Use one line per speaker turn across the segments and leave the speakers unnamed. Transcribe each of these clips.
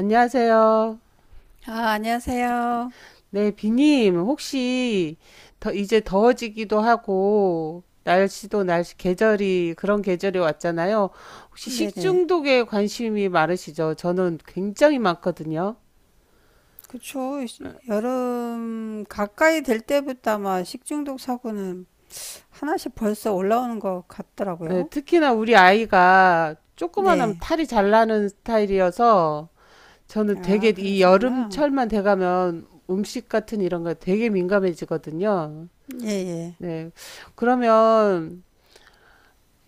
안녕하세요.
아, 안녕하세요.
네, 비님, 혹시 더 이제 더워지기도 하고 날씨 계절이 그런 계절이 왔잖아요. 혹시
네네.
식중독에 관심이 많으시죠? 저는 굉장히 많거든요.
그쵸. 여름 가까이 될 때부터 아마 식중독 사고는 하나씩 벌써 올라오는 것
네,
같더라고요.
특히나 우리 아이가 조그만하면
네.
탈이 잘 나는 스타일이어서 저는
아,
되게 이
그러시구나.
여름철만 돼가면 음식 같은 이런 거 되게 민감해지거든요.
예, 예.
네. 그러면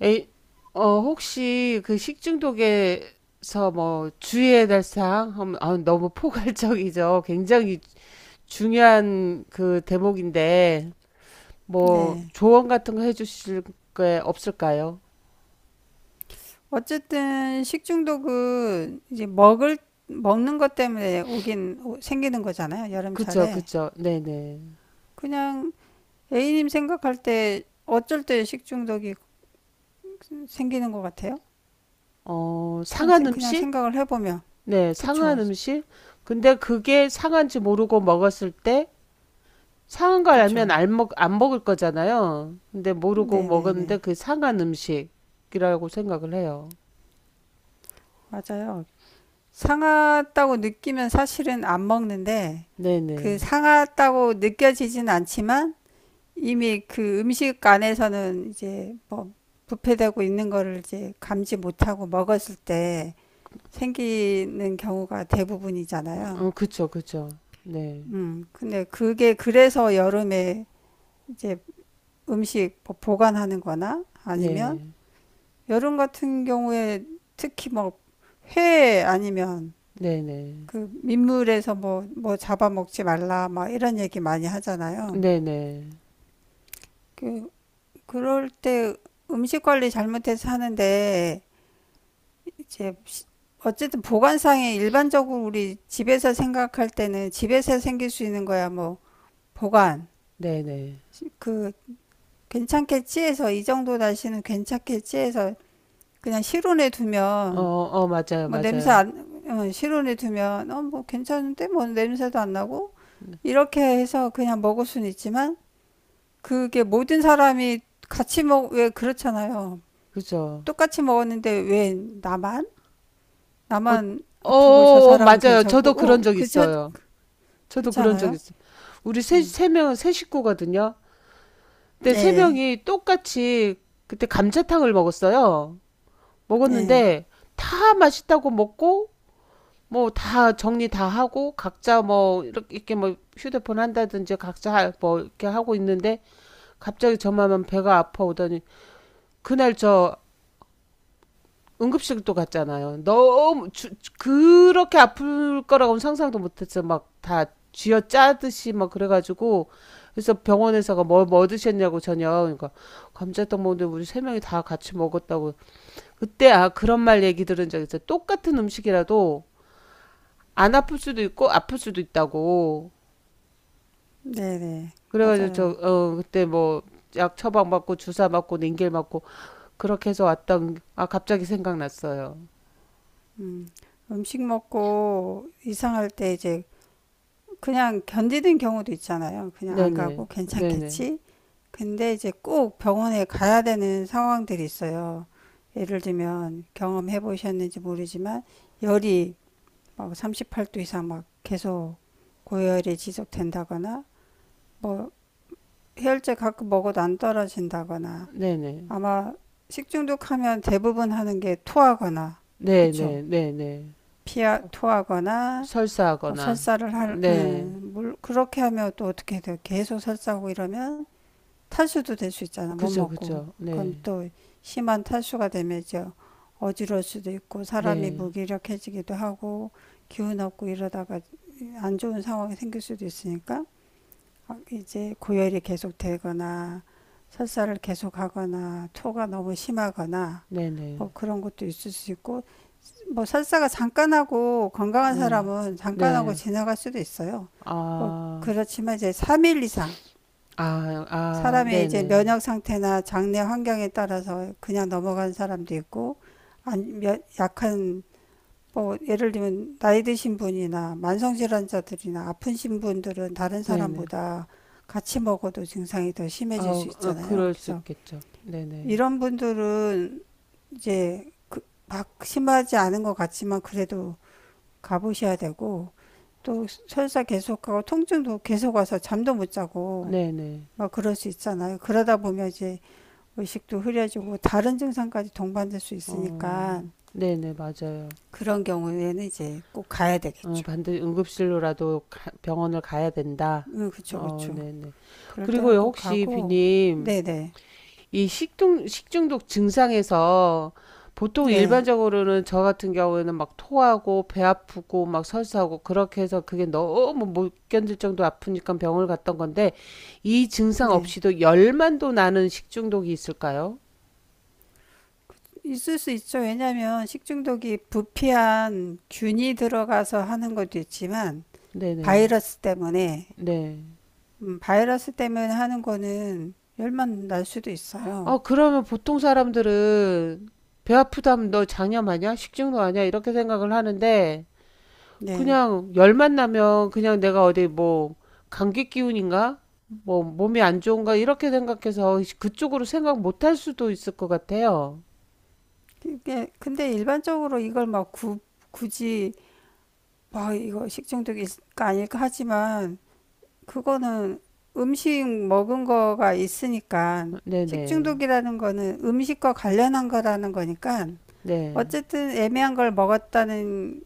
에이, 혹시 그 식중독에서 뭐 주의해야 될 사항? 아, 너무 포괄적이죠. 굉장히 중요한 그 대목인데, 뭐
네.
조언 같은 거 해주실 게 없을까요?
어쨌든 식중독은 이제 먹는 것 때문에 생기는 거잖아요.
그쵸,
여름철에.
그쵸. 네네.
그냥 A님 생각할 때 어쩔 때 식중독이 생기는 것 같아요?
어, 상한
그냥
음식?
생각을 해보면.
네,
그쵸.
상한 음식? 근데 그게 상한지 모르고 먹었을 때, 상한 걸 알면
그쵸.
안 먹을 거잖아요. 근데 모르고 먹었는데
네네네.
그 상한 음식이라고 생각을 해요.
맞아요. 상하다고 느끼면 사실은 안 먹는데, 그
네네.
상하다고 느껴지진 않지만, 이미 그 음식 안에서는 부패되고 있는 거를 이제 감지 못하고 먹었을 때 생기는 경우가 대부분이잖아요.
어 그쵸, 그쵸. 네.
근데 그게 그래서 여름에 이제 음식 뭐 보관하는 거나 아니면
네.
여름 같은 경우에 특히 뭐 회 아니면
네네.
그 민물에서 뭐 잡아먹지 말라, 막 이런 얘기 많이 하잖아요.
네네.
그, 그럴 때 음식 관리 잘못해서 하는데, 이제, 어쨌든 보관상에 일반적으로 우리 집에서 생각할 때는 집에서 생길 수 있는 거야, 뭐, 보관.
네네.
그, 괜찮겠지 해서, 이 정도 다시는 괜찮겠지 해서, 그냥 실온에
어
두면,
어 맞아요,
뭐 냄새
맞아요.
안, 어, 실온에 두면, 어, 뭐 괜찮은데? 뭐 냄새도 안 나고? 이렇게 해서 그냥 먹을 수는 있지만, 그게 모든 사람이 같이 먹, 왜 그렇잖아요.
그죠.
똑같이 먹었는데 왜 나만?
어
나만
어
아프고 저
어
사람은
맞아요.
괜찮고,
저도 그런
어,
적
그렇지,
있어요. 저도
그렇지
그런 적
않아요?
있어요. 우리
음.
세 식구거든요. 근데
예,
세
예,
명이 똑같이 그때 감자탕을 먹었어요.
예.
먹었는데 다 맛있다고 먹고 뭐 다 정리 다 하고 각자 뭐 이렇게 뭐 휴대폰 한다든지 각자 하 뭐 이렇게 하고 있는데 갑자기 저만만 배가 아파오더니 그날 저 응급실도 갔잖아요. 그렇게 아플 거라고는 상상도 못했어. 막 다 쥐어 짜듯이 막 그래가지고 그래서 병원에서가 뭐 드셨냐고 저녁 그러니까 감자떡 먹는데 우리 세 명이 다 같이 먹었다고 그때 아 그런 말 얘기 들은 적 있어. 똑같은 음식이라도 안 아플 수도 있고 아플 수도 있다고.
네네.
그래가지고 저
맞아요.
어 그때 뭐 약 처방 받고 주사 맞고 링겔 맞고 그렇게 해서 왔던 아 갑자기 생각났어요.
음식 먹고 이상할 때 이제 그냥 견디는 경우도 있잖아요. 그냥 안
네네
가고
네네
괜찮겠지? 근데 이제 꼭 병원에 가야 되는 상황들이 있어요. 예를 들면 경험해 보셨는지 모르지만 열이 막 38도 이상 막 계속 고열이 지속된다거나 뭐 해열제 가끔 먹어도 안 떨어진다거나
네네
아마 식중독하면 대부분 하는 게 토하거나 그쵸?
네네 네네
피하 토하거나 뭐
설사하거나
설사를 할,
네
물, 그렇게 하면 또 어떻게 돼요? 계속 설사하고 이러면 탈수도 될 수 있잖아. 못
그죠
먹고.
그죠
그럼
네네
또 심한 탈수가 되면 이제 어지러울 수도 있고 사람이 무기력해지기도 하고 기운 없고 이러다가 안 좋은 상황이 생길 수도 있으니까 이제 고열이 계속 되거나 설사를 계속 하거나 토가 너무 심하거나
네네
뭐 그런 것도 있을 수 있고 뭐 설사가 잠깐 하고 건강한 사람은 잠깐 하고 지나갈 수도 있어요. 뭐
네네아아아
그렇지만 이제 3일 이상 사람의 이제
네네
면역 상태나 장내 환경에 따라서 그냥 넘어간 사람도 있고 안, 약한 뭐 예를 들면 나이 드신 분이나 만성질환자들이나 아프신 분들은 다른
네네
사람보다 같이 먹어도 증상이 더
아
심해질 수
어,
있잖아요.
그럴 수
그래서
있겠죠. 네네
이런 분들은 이제 심하지 않은 것 같지만 그래도 가보셔야 되고 또 설사 계속하고 통증도 계속 와서 잠도 못 자고
네네
막 그럴 수 있잖아요. 그러다 보면 이제 의식도 흐려지고 다른 증상까지 동반될 수 있으니까
어 네네 맞아요.
그런 경우에는 이제 꼭 가야
어,
되겠죠.
반드시 응급실로라도 병원을 가야 된다.
응, 그쵸,
어,
그쵸.
네네.
그럴 때는
그리고요,
꼭
혹시
가고,
비님,
네네,
이 식중독 증상에서 보통
예,
일반적으로는 저 같은 경우에는 막 토하고 배 아프고 막 설사하고 그렇게 해서 그게 너무 못 견딜 정도 아프니까 병원을 갔던 건데 이 증상
네.
없이도 열만도 나는 식중독이 있을까요?
있을 수 있죠. 왜냐하면 식중독이 부패한 균이 들어가서 하는 것도 있지만,
네네.
바이러스 때문에,
네. 네.
바이러스 때문에 하는 거는 열만 날 수도 있어요.
아, 그러면 보통 사람들은 배 아프다면 너 장염하냐? 식중독 아니야? 이렇게 생각을 하는데
네.
그냥 열만 나면 그냥 내가 어디 뭐 감기 기운인가? 뭐 몸이 안 좋은가? 이렇게 생각해서 그쪽으로 생각 못 할 수도 있을 것 같아요.
이게, 근데 일반적으로 이걸 막 구, 굳이, 막 이거 식중독일까 아닐까 하지만, 그거는 음식 먹은 거가 있으니까
네네.
식중독이라는 거는 음식과 관련한 거라는 거니까
네.
어쨌든 애매한 걸 먹었다는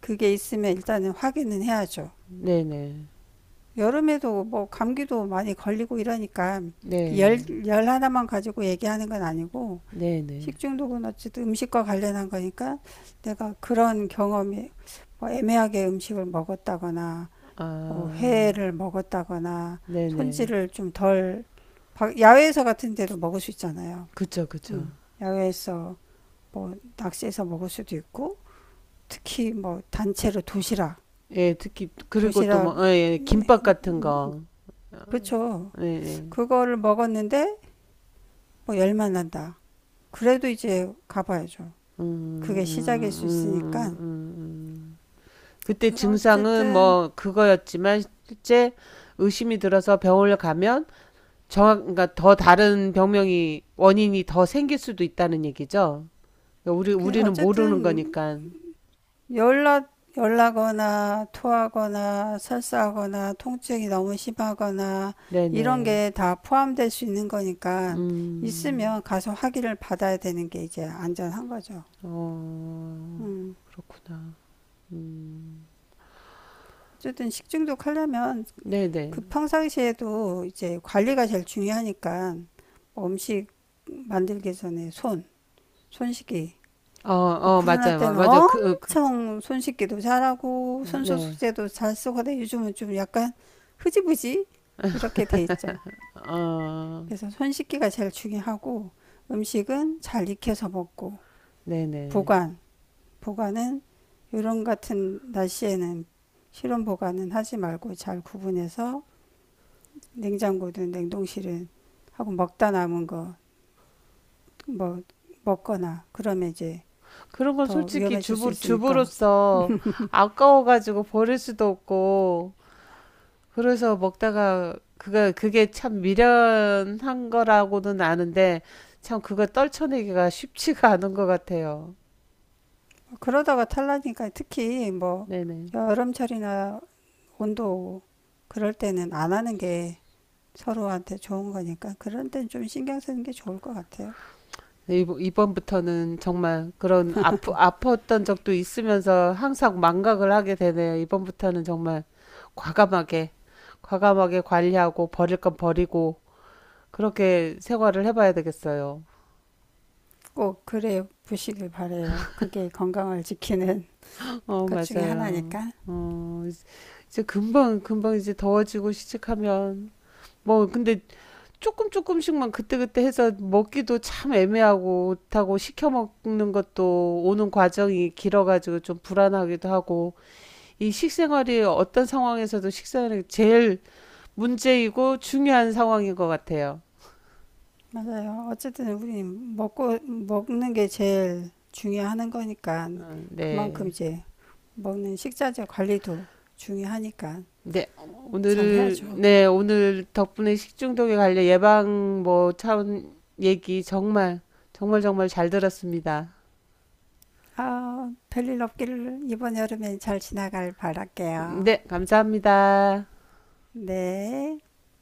그게 있으면 일단은 확인은 해야죠.
네네.
여름에도 뭐 감기도 많이 걸리고 이러니까
네.
열 하나만 가지고 얘기하는 건 아니고
네네.
식중독은 어쨌든 음식과 관련한 거니까 내가 그런 경험이 뭐 애매하게 음식을 먹었다거나
아,
뭐 회를 먹었다거나
네네.
손질을 좀 덜 야외에서 같은 데도 먹을 수 있잖아요.
그쵸, 그쵸.
음, 야외에서 뭐 낚시해서 먹을 수도 있고 특히 뭐 단체로 도시락
예, 특히, 그리고 또
도시락
뭐, 예, 예, 김밥 같은 거.
그렇죠.
예, 예.
그거를 먹었는데 뭐 열만 난다. 그래도 이제 가봐야죠. 그게 시작일 수
음,
있으니까
음. 그때
그
증상은
어쨌든
뭐 그거였지만 실제 의심이 들어서 병원을 가면 정확 그러니까 더 다른 병명이 원인이 더 생길 수도 있다는 얘기죠. 그러니까 우리
그
우리는 모르는
어쨌든
거니까.
열나, 열나거나 토하거나 설사하거나 통증이 너무 심하거나 이런
네네.
게 다 포함될 수 있는 거니까
음.
있으면 가서 확인을 받아야 되는 게 이제 안전한 거죠.
어
음.
그렇구나.
어쨌든 식중독 하려면
네네.
그 평상시에도 이제 관리가 제일 중요하니까 뭐 음식 만들기 전에 손 씻기, 뭐
어어
코로나
맞아요
때는
맞아 그
엄청 손 씻기도 잘하고
어, 네.
손소독제도 잘 쓰고 근데 요즘은 좀 약간 흐지부지 이렇게 돼 있죠.
어
그래서 손 씻기가 제일 중요하고 음식은 잘 익혀서 먹고
네네.
보관, 보관은 요런 같은 날씨에는 실온 보관은 하지 말고 잘 구분해서 냉장고든 냉동실은 하고 먹다 남은 거 뭐 먹거나 그러면 이제
그런 건
더
솔직히
위험해질 수 있으니까
주부로서 아까워가지고 버릴 수도 없고, 그래서 그게 참 미련한 거라고는 아는데, 참 그거 떨쳐내기가 쉽지가 않은 것 같아요.
그러다가 탈라니까 특히 뭐
네네.
여름철이나 온도 그럴 때는 안 하는 게 서로한테 좋은 거니까 그런 때는 좀 신경 쓰는 게 좋을 것 같아요.
이번부터는 정말 그런 아팠던 적도 있으면서 항상 망각을 하게 되네요. 이번부터는 정말 과감하게, 과감하게 관리하고 버릴 건 버리고, 그렇게 생활을 해봐야 되겠어요.
꼭 그래 보시길 바래요. 그게 건강을 지키는
어,
것 중에
맞아요.
하나니까.
어, 이제 이제 금방 이제 더워지고 시작하면. 뭐, 근데 조금씩만 그때그때 해서 먹기도 참 애매하고, 그렇다고 시켜 먹는 것도 오는 과정이 길어가지고 좀 불안하기도 하고, 이 식생활이 어떤 상황에서도 식생활이 제일 문제이고 중요한 상황인 것 같아요.
맞아요. 어쨌든 우리 먹고 먹는 게 제일 중요한 거니까
어,
그만큼
네.
이제 먹는 식자재 관리도 중요하니까
네,
잘 해야죠.
오늘 덕분에 식중독에 관련 예방 뭐 차원 얘기 정말, 정말 정말 잘 들었습니다.
아, 별일 없기를 이번 여름엔 잘 지나갈 바랄게요.
네, 감사합니다.
네.